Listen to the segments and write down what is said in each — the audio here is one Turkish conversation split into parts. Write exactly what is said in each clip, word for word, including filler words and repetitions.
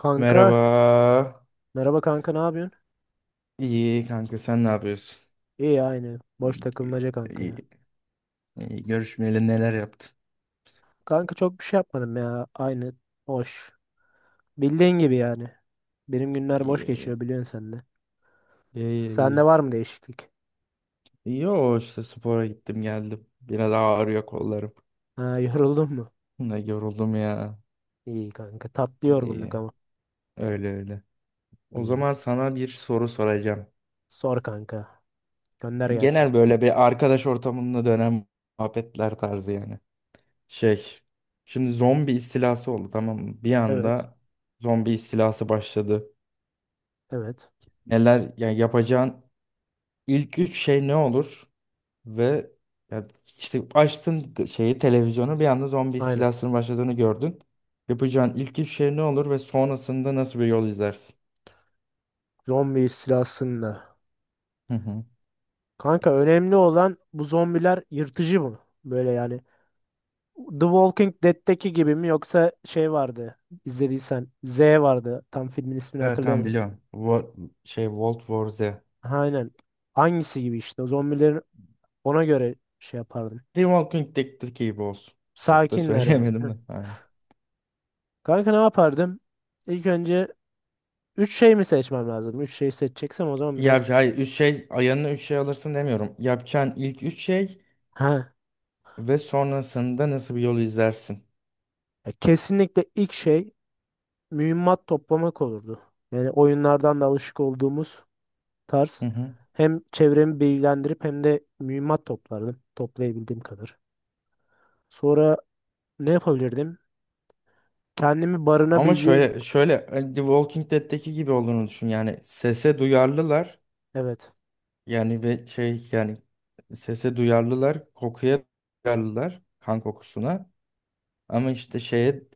Kanka, Merhaba. merhaba kanka, ne yapıyorsun? İyi kanka, sen ne yapıyorsun? İyi, aynı. Boş takılmaca kanka ya. İyi, iyi. Görüşmeyeli neler yaptın? Kanka çok bir şey yapmadım ya. Aynı boş. Bildiğin gibi yani. Benim günler İyi boş iyi. geçiyor, biliyorsun sen de. İyi iyi. Sende var mı değişiklik? İyi. Yo, işte spora gittim geldim. Biraz ağrıyor kollarım. Ha, yoruldun mu? Ne yoruldum ya. İyi kanka. Tatlı yorgunluk İyi. ama. Öyle öyle. O İyi. zaman sana bir soru soracağım. Sor kanka. Gönder gelsin. Genel böyle bir arkadaş ortamında dönen muhabbetler tarzı yani. Şey. Şimdi zombi istilası oldu, tamam mı? Bir Evet. anda zombi istilası başladı. Evet. Neler yani yapacağın İlk üç şey ne olur? Ve ya işte açtın şeyi, televizyonu, bir anda zombi Aynen. istilasının başladığını gördün. Yapacağın ilk üç şey ne olur ve sonrasında nasıl bir yol izlersin? Zombi istilasında. Hı hı. Kanka, önemli olan bu zombiler yırtıcı mı? Böyle yani The Walking Dead'teki gibi mi, yoksa şey vardı, izlediysen Z vardı, tam filmin ismini Evet, tamam, hatırlayamadım. biliyorum. Wo- şey World War Z. The Aynen. Hangisi gibi işte, o zombilerin ona göre şey yapardım. Walking Dead'teki gibi olsun. Çok da Sakinler yani. söyleyemedim Hı. de. Aynen. Kanka ne yapardım? İlk önce üç şey mi seçmem lazım? Üç şey seçeceksem o zaman biraz, Ya hayır, üç şey ayağına üç şey alırsın demiyorum. Yapacağın ilk üç şey ha, ve sonrasında nasıl bir yol izlersin? ya kesinlikle ilk şey mühimmat toplamak olurdu. Yani oyunlardan da alışık olduğumuz Hı tarz. hı. Hem çevremi bilgilendirip hem de mühimmat toplardım. Toplayabildiğim kadar. Sonra ne yapabilirdim? Kendimi Ama barınabileceğim. şöyle şöyle hani The Walking Dead'teki gibi olduğunu düşün. Yani sese duyarlılar. Evet. Yani ve şey yani sese duyarlılar, kokuya duyarlılar, kan kokusuna. Ama işte şeye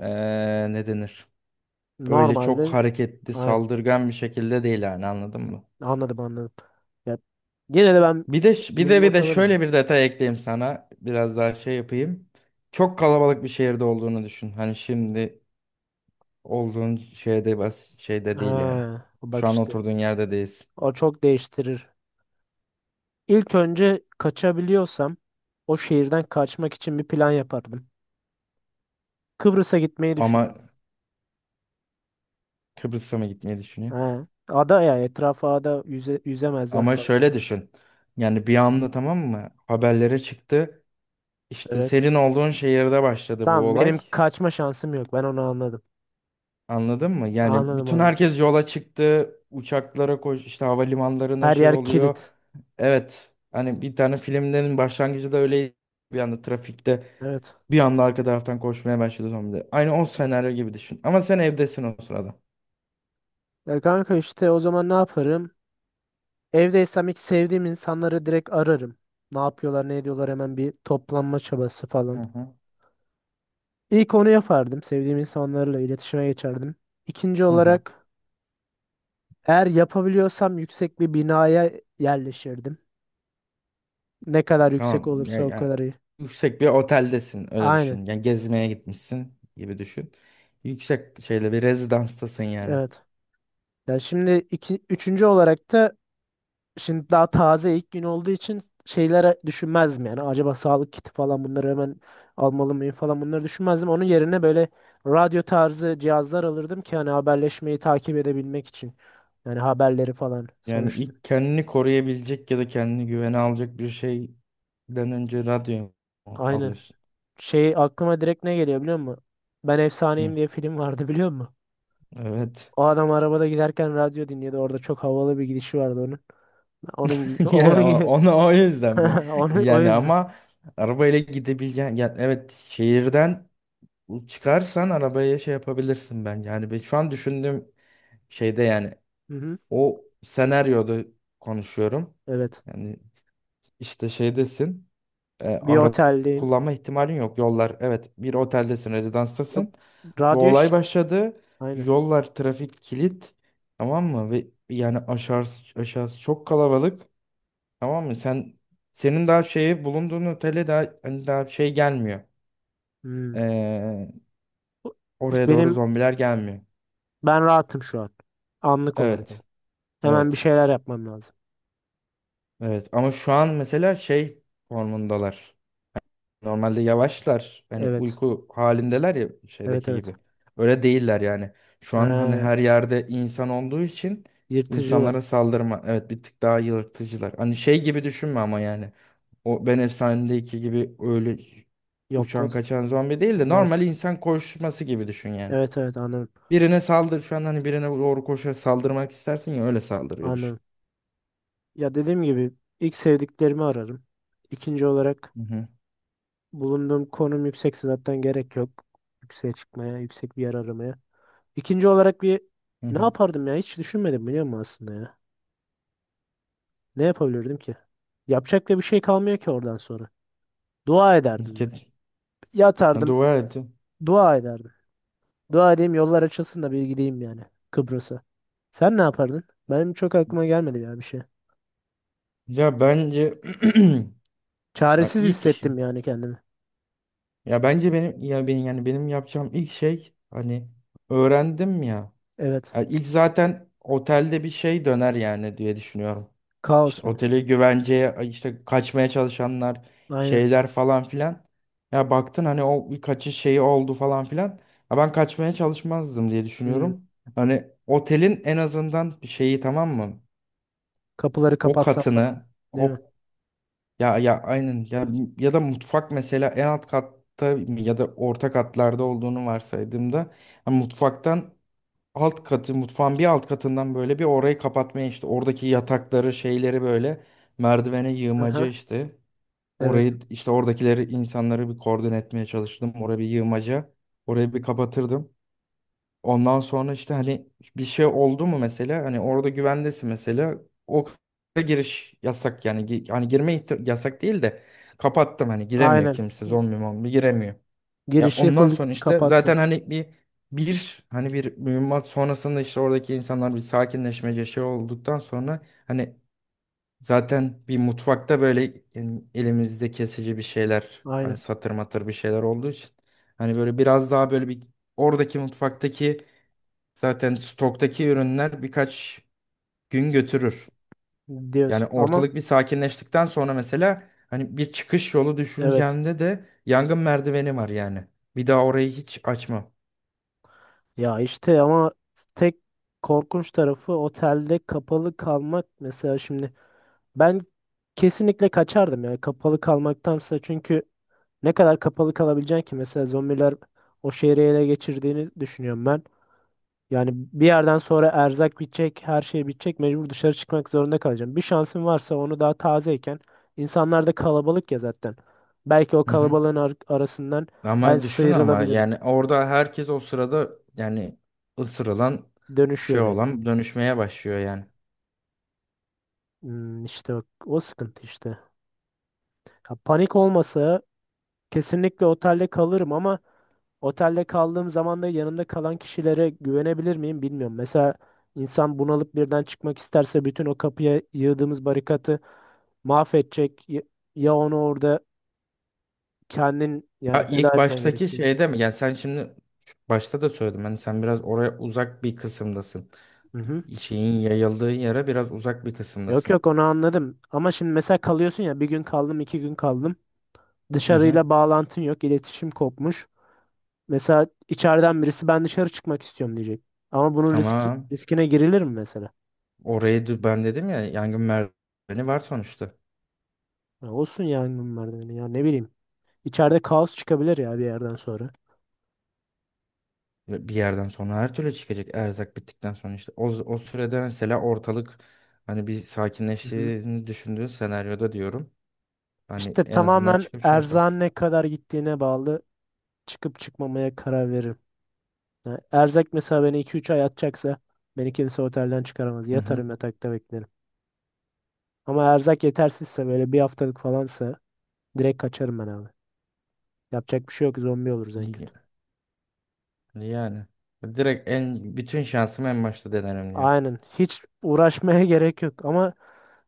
eee ne denir? Öyle çok Normalde. hareketli, Aynen. saldırgan bir şekilde değil yani, anladın mı? Anladım anladım. Ya, yine de ben Bir de bir de bir mühimmat de alırdım. şöyle bir detay ekleyeyim sana. Biraz daha şey yapayım. Çok kalabalık bir şehirde olduğunu düşün. Hani şimdi olduğun şeyde bas şeyde değil yani. Ha, bak Şu an işte. oturduğun yerde değilsin. O çok değiştirir. İlk önce kaçabiliyorsam o şehirden kaçmak için bir plan yapardım. Kıbrıs'a gitmeyi Ama düşünüyorum. Kıbrıs'a mı gitmeyi düşünüyor? Ha, ada ya, etrafa ada, yüze, yüzemezler Ama falan. şöyle düşün. Yani bir anda, tamam mı? Haberlere çıktı. İşte Evet. senin olduğun şehirde başladı bu Tamam, olay. benim kaçma şansım yok. Ben onu anladım. Anladın mı? Yani Anladım bütün anladım. herkes yola çıktı. Uçaklara koş, işte havalimanlarına Her şey yer kilit. oluyor. Evet. Hani bir tane filmlerin başlangıcı da öyle, bir anda trafikte Evet. bir anda arka taraftan koşmaya başladı zombiler. Aynı o senaryo gibi düşün. Ama sen evdesin o sırada. Ya kanka, işte o zaman ne yaparım? Evdeysem ilk sevdiğim insanları direkt ararım. Ne yapıyorlar, ne ediyorlar, hemen bir toplanma çabası falan. Hı hı. İlk onu yapardım. Sevdiğim insanlarla iletişime geçerdim. İkinci Hı hı. olarak, eğer yapabiliyorsam, yüksek bir binaya yerleşirdim. Ne kadar yüksek Tamam. Ya, olursa o ya, kadar iyi. yüksek bir oteldesin, öyle Aynen. düşün. Yani gezmeye gitmişsin gibi düşün. Yüksek şeyle bir rezidanstasın yani. Evet. Ya şimdi iki, üçüncü olarak da, şimdi daha taze ilk gün olduğu için şeylere düşünmezdim yani. Acaba sağlık kiti falan, bunları hemen almalı mıyım falan, bunları düşünmezdim. Onun yerine böyle radyo tarzı cihazlar alırdım ki hani haberleşmeyi takip edebilmek için. Yani haberleri falan. Yani Sonuçta ilk kendini koruyabilecek ya da kendini güvene alacak bir şeyden önce radyo aynen. alıyorsun. Şey, aklıma direkt ne geliyor biliyor musun? Ben Hı, Efsaneyim diye film vardı, biliyor musun? evet. O adam arabada giderken radyo dinliyordu. Orada çok havalı bir gidişi vardı onun. Onun gibi. Ya Onun o- gibi. onu o yüzden mi? Onu, o Yani yüzden. ama arabayla gidebileceğin yani evet, şehirden çıkarsan arabaya şey yapabilirsin ben. Yani ben şu an düşündüğüm şeyde yani, Hı hı. o senaryoda konuşuyorum. Evet. Yani işte şeydesin. E, Bir araba otelde. kullanma ihtimalin yok. Yollar, evet, bir oteldesin, Yok, rezidanstasın. Bu radyo olay iş. başladı. Aynen. Yollar trafik kilit. Tamam mı? Ve yani aşağısı, aşağısı çok kalabalık. Tamam mı? Sen senin daha şeyi bulunduğun otele daha hani daha şey gelmiyor. Hmm. Ee, Bu- iş oraya doğru Benim zombiler gelmiyor. ben rahatım şu an. Anlık olarak ama. Evet. Hemen bir Evet. şeyler yapmam lazım. Evet. Ama şu an mesela şey formundalar. Normalde yavaşlar. Hani Evet. uyku halindeler ya Evet şeydeki evet. gibi. Öyle değiller yani. Şu an hani Ha, her yerde insan olduğu için yırtıcılar. insanlara saldırma. Evet, bir tık daha yırtıcılar. Hani şey gibi düşünme ama yani. O Ben Efsane'deki gibi öyle Yok, o- uçan kaçan zombi değil de onlar normal sık- insan koşması gibi düşün yani. evet evet, anladım. Birine saldır şu an hani birine doğru koşarak saldırmak istersin ya, öyle saldırıyor düşün. Anladım. Ya, dediğim gibi ilk sevdiklerimi ararım. İkinci olarak, Hı hı bulunduğum konum yüksekse zaten gerek yok yükseğe çıkmaya, yüksek bir yer aramaya. İkinci olarak bir hı. ne hı. yapardım ya, hiç düşünmedim biliyor musun aslında ya. Ne yapabilirdim ki? Yapacak da bir şey kalmıyor ki oradan sonra. Dua ederdim ben. Ket- Ya Yatardım, dua ettim. dua ederdim. Dua edeyim, yollar açılsın da bir gideyim yani, Kıbrıs'a. Sen ne yapardın? Benim çok aklıma gelmedi ya bir şey. Ya bence ya Çaresiz ilk hissettim yani kendimi. ya bence benim ya benim yani benim yapacağım ilk şey hani öğrendim ya. Evet. Yani ilk zaten otelde bir şey döner yani diye düşünüyorum. Kaos İşte mu? oteli güvenceye, işte kaçmaya çalışanlar, Aynen. şeyler falan filan. Ya baktın hani o bir kaçış şeyi oldu falan filan. Ya ben kaçmaya çalışmazdım diye Hmm. düşünüyorum. Hani otelin en azından şeyi, tamam mı? Kapıları O kapatsam falan. katını Değil mi? o ya ya aynen ya, ya da mutfak mesela en alt katta ya da orta katlarda olduğunu varsaydığımda hani mutfaktan, alt katı, mutfağın bir alt katından böyle bir orayı kapatmaya, işte oradaki yatakları şeyleri böyle merdivene yığmaca, Aha. işte Evet. orayı, işte oradakileri insanları bir koordine etmeye çalıştım, oraya bir yığmaca, orayı bir kapatırdım. Ondan sonra işte hani bir şey oldu mu mesela hani orada güvendesin mesela o k- giriş yasak yani, Gi- hani girme ihti- yasak değil de kapattım, hani giremiyor Aynen. kimse, zombi mombi giremiyor. Ya Girişi ondan full sonra işte zaten kapattın. hani bir bir hani bir mühimmat sonrasında işte oradaki insanlar bir sakinleşmece şey olduktan sonra hani zaten bir mutfakta böyle yani elimizde kesici bir şeyler hani Aynen. satır matır bir şeyler olduğu için hani böyle biraz daha böyle bir oradaki mutfaktaki, zaten stoktaki ürünler birkaç gün götürür. Yani Diyorsun. Ama ortalık bir sakinleştikten sonra mesela hani bir çıkış yolu evet. düşüncende de yangın merdiveni var yani. Bir daha orayı hiç açma. Ya işte, ama tek korkunç tarafı otelde kapalı kalmak. Mesela şimdi ben kesinlikle kaçardım ya kapalı kalmaktansa, çünkü ne kadar kapalı kalabileceksin ki? Mesela zombiler o şehri ele geçirdiğini düşünüyorum ben. Yani bir yerden sonra erzak bitecek, her şey bitecek, mecbur dışarı çıkmak zorunda kalacağım. Bir şansın varsa onu daha tazeyken, insanlar da kalabalık ya zaten, belki o Hı hı. kalabalığın ar- arasından ben Ama düşün ama sıyrılabilirim. yani orada herkes o sırada yani ısırılan, şey Dönüşüyor direkt. olan dönüşmeye başlıyor yani. Hmm, işte o, o sıkıntı işte. Ya, panik olmasa kesinlikle otelde kalırım, ama otelde kaldığım zaman da yanında kalan kişilere güvenebilir miyim, bilmiyorum. Mesela insan bunalıp birden çıkmak isterse bütün o kapıya yığdığımız barikatı mahvedecek. Ya ya onu orada kendin Ya yani feda ilk etmen baştaki gerekecek. şeyde mi? Yani sen şimdi şu başta da söyledim. Hani sen biraz oraya uzak bir kısımdasın. Hı hı. Şeyin yayıldığı yere biraz uzak bir Yok kısımdasın. yok, onu anladım. Ama şimdi mesela kalıyorsun ya, bir gün kaldım, iki gün kaldım. Hı hı. Dışarıyla bağlantın yok, iletişim kopmuş. Mesela içeriden birisi ben dışarı çıkmak istiyorum diyecek. Ama bunun riski, Tamam. riskine girilir mi mesela? Orayı dü- ben dedim ya, yangın merdiveni var sonuçta. Ya olsun yangın merdiveni, ya ne bileyim. İçeride kaos çıkabilir ya bir yerden sonra. Ve bir yerden sonra her türlü çıkacak erzak bittikten sonra işte. O, o sürede mesela ortalık hani bir Hı hı. sakinleştiğini düşündüğü senaryoda diyorum. Hani İşte en azından tamamen çıkıp şey erzağın yaparsın. ne kadar gittiğine bağlı, çıkıp çıkmamaya karar veririm. Yani erzak mesela beni iki üç ay atacaksa beni kimse otelden çıkaramaz. Hı hı. Yatarım yatakta beklerim. Ama erzak yetersizse, böyle bir haftalık falansa, direkt kaçarım ben abi. Yapacak bir şey yok, zombi oluruz en Y- kötü. Yani. Direkt en bütün şansımı en başta denerim diyor. Aynen, hiç uğraşmaya gerek yok. Ama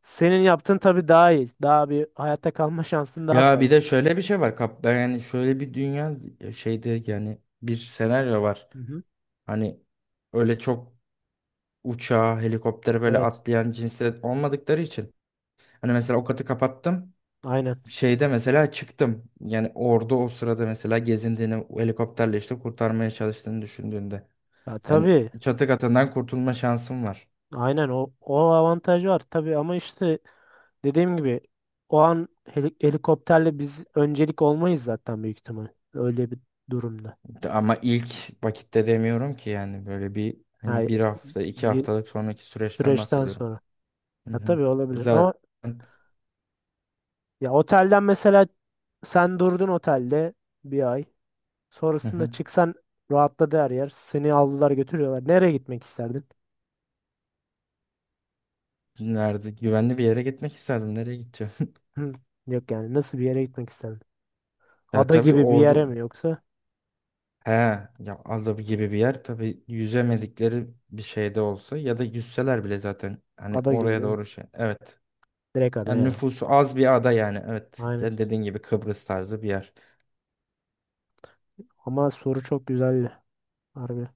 senin yaptığın tabii daha iyi. Daha bir hayatta kalma şansın daha Ya bir fazla. de şöyle bir şey var kap ben yani şöyle bir dünya, e, şeyde yani bir senaryo var. Hı hı. Hani öyle çok uçağa, helikoptere böyle Evet, atlayan cinsler olmadıkları için hani mesela o katı kapattım. aynen. Şeyde mesela çıktım. Yani orada o sırada mesela gezindiğini, o helikopterle işte kurtarmaya çalıştığını düşündüğünde. Ya Yani tabii. çatı katından kurtulma şansım var. Aynen, o, o avantaj var tabii ama işte, dediğim gibi, o an heli- helikopterle biz öncelik olmayız zaten büyük ihtimal. Öyle bir durumda. Ama ilk vakitte demiyorum ki yani, böyle bir hani Yani bir hafta, iki bir haftalık sonraki süreçten süreçten bahsediyorum. sonra. Hı Ya hı. tabii olabilir Zaten ama, ya otelden mesela, sen durdun otelde bir ay. hı Sonrasında hı. çıksan, rahatladı her yer, seni aldılar götürüyorlar. Nereye gitmek isterdin? Nerede? Güvenli bir yere gitmek isterdim. Nereye gideceğim? Hı, yok yani, nasıl bir yere gitmek isterdin? Ya Ada tabii gibi bir yere ordu. mi yoksa? He, ya Aldab gibi bir yer tabii, yüzemedikleri bir şeyde olsa ya da yüzseler bile zaten hani Ada gibi oraya değil mi? doğru şey. Evet. Direkt ada Yani ya. nüfusu az bir ada yani. Evet. Aynen. Yani dediğin gibi Kıbrıs tarzı bir yer. Ama soru çok güzeldi. Harbi.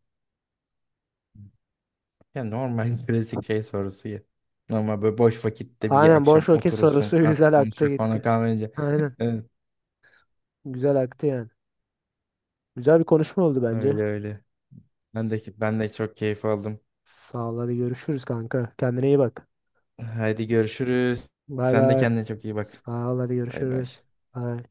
Yani normal klasik şey sorusu ya. Normal böyle boş vakitte bir Aynen, akşam boş vakit oturursun sorusu, artık güzel aktı konuşacak bana gitti. kalmayınca. Aynen. Evet, Güzel aktı yani. Güzel bir konuşma oldu bence. öyle öyle. Ben de ben de çok keyif aldım. Sağ ol, hadi görüşürüz kanka. Kendine iyi bak. Haydi görüşürüz. Bay Sen de bay. kendine çok iyi bak. Sağ ol, hadi Bay bay. görüşürüz. Bay.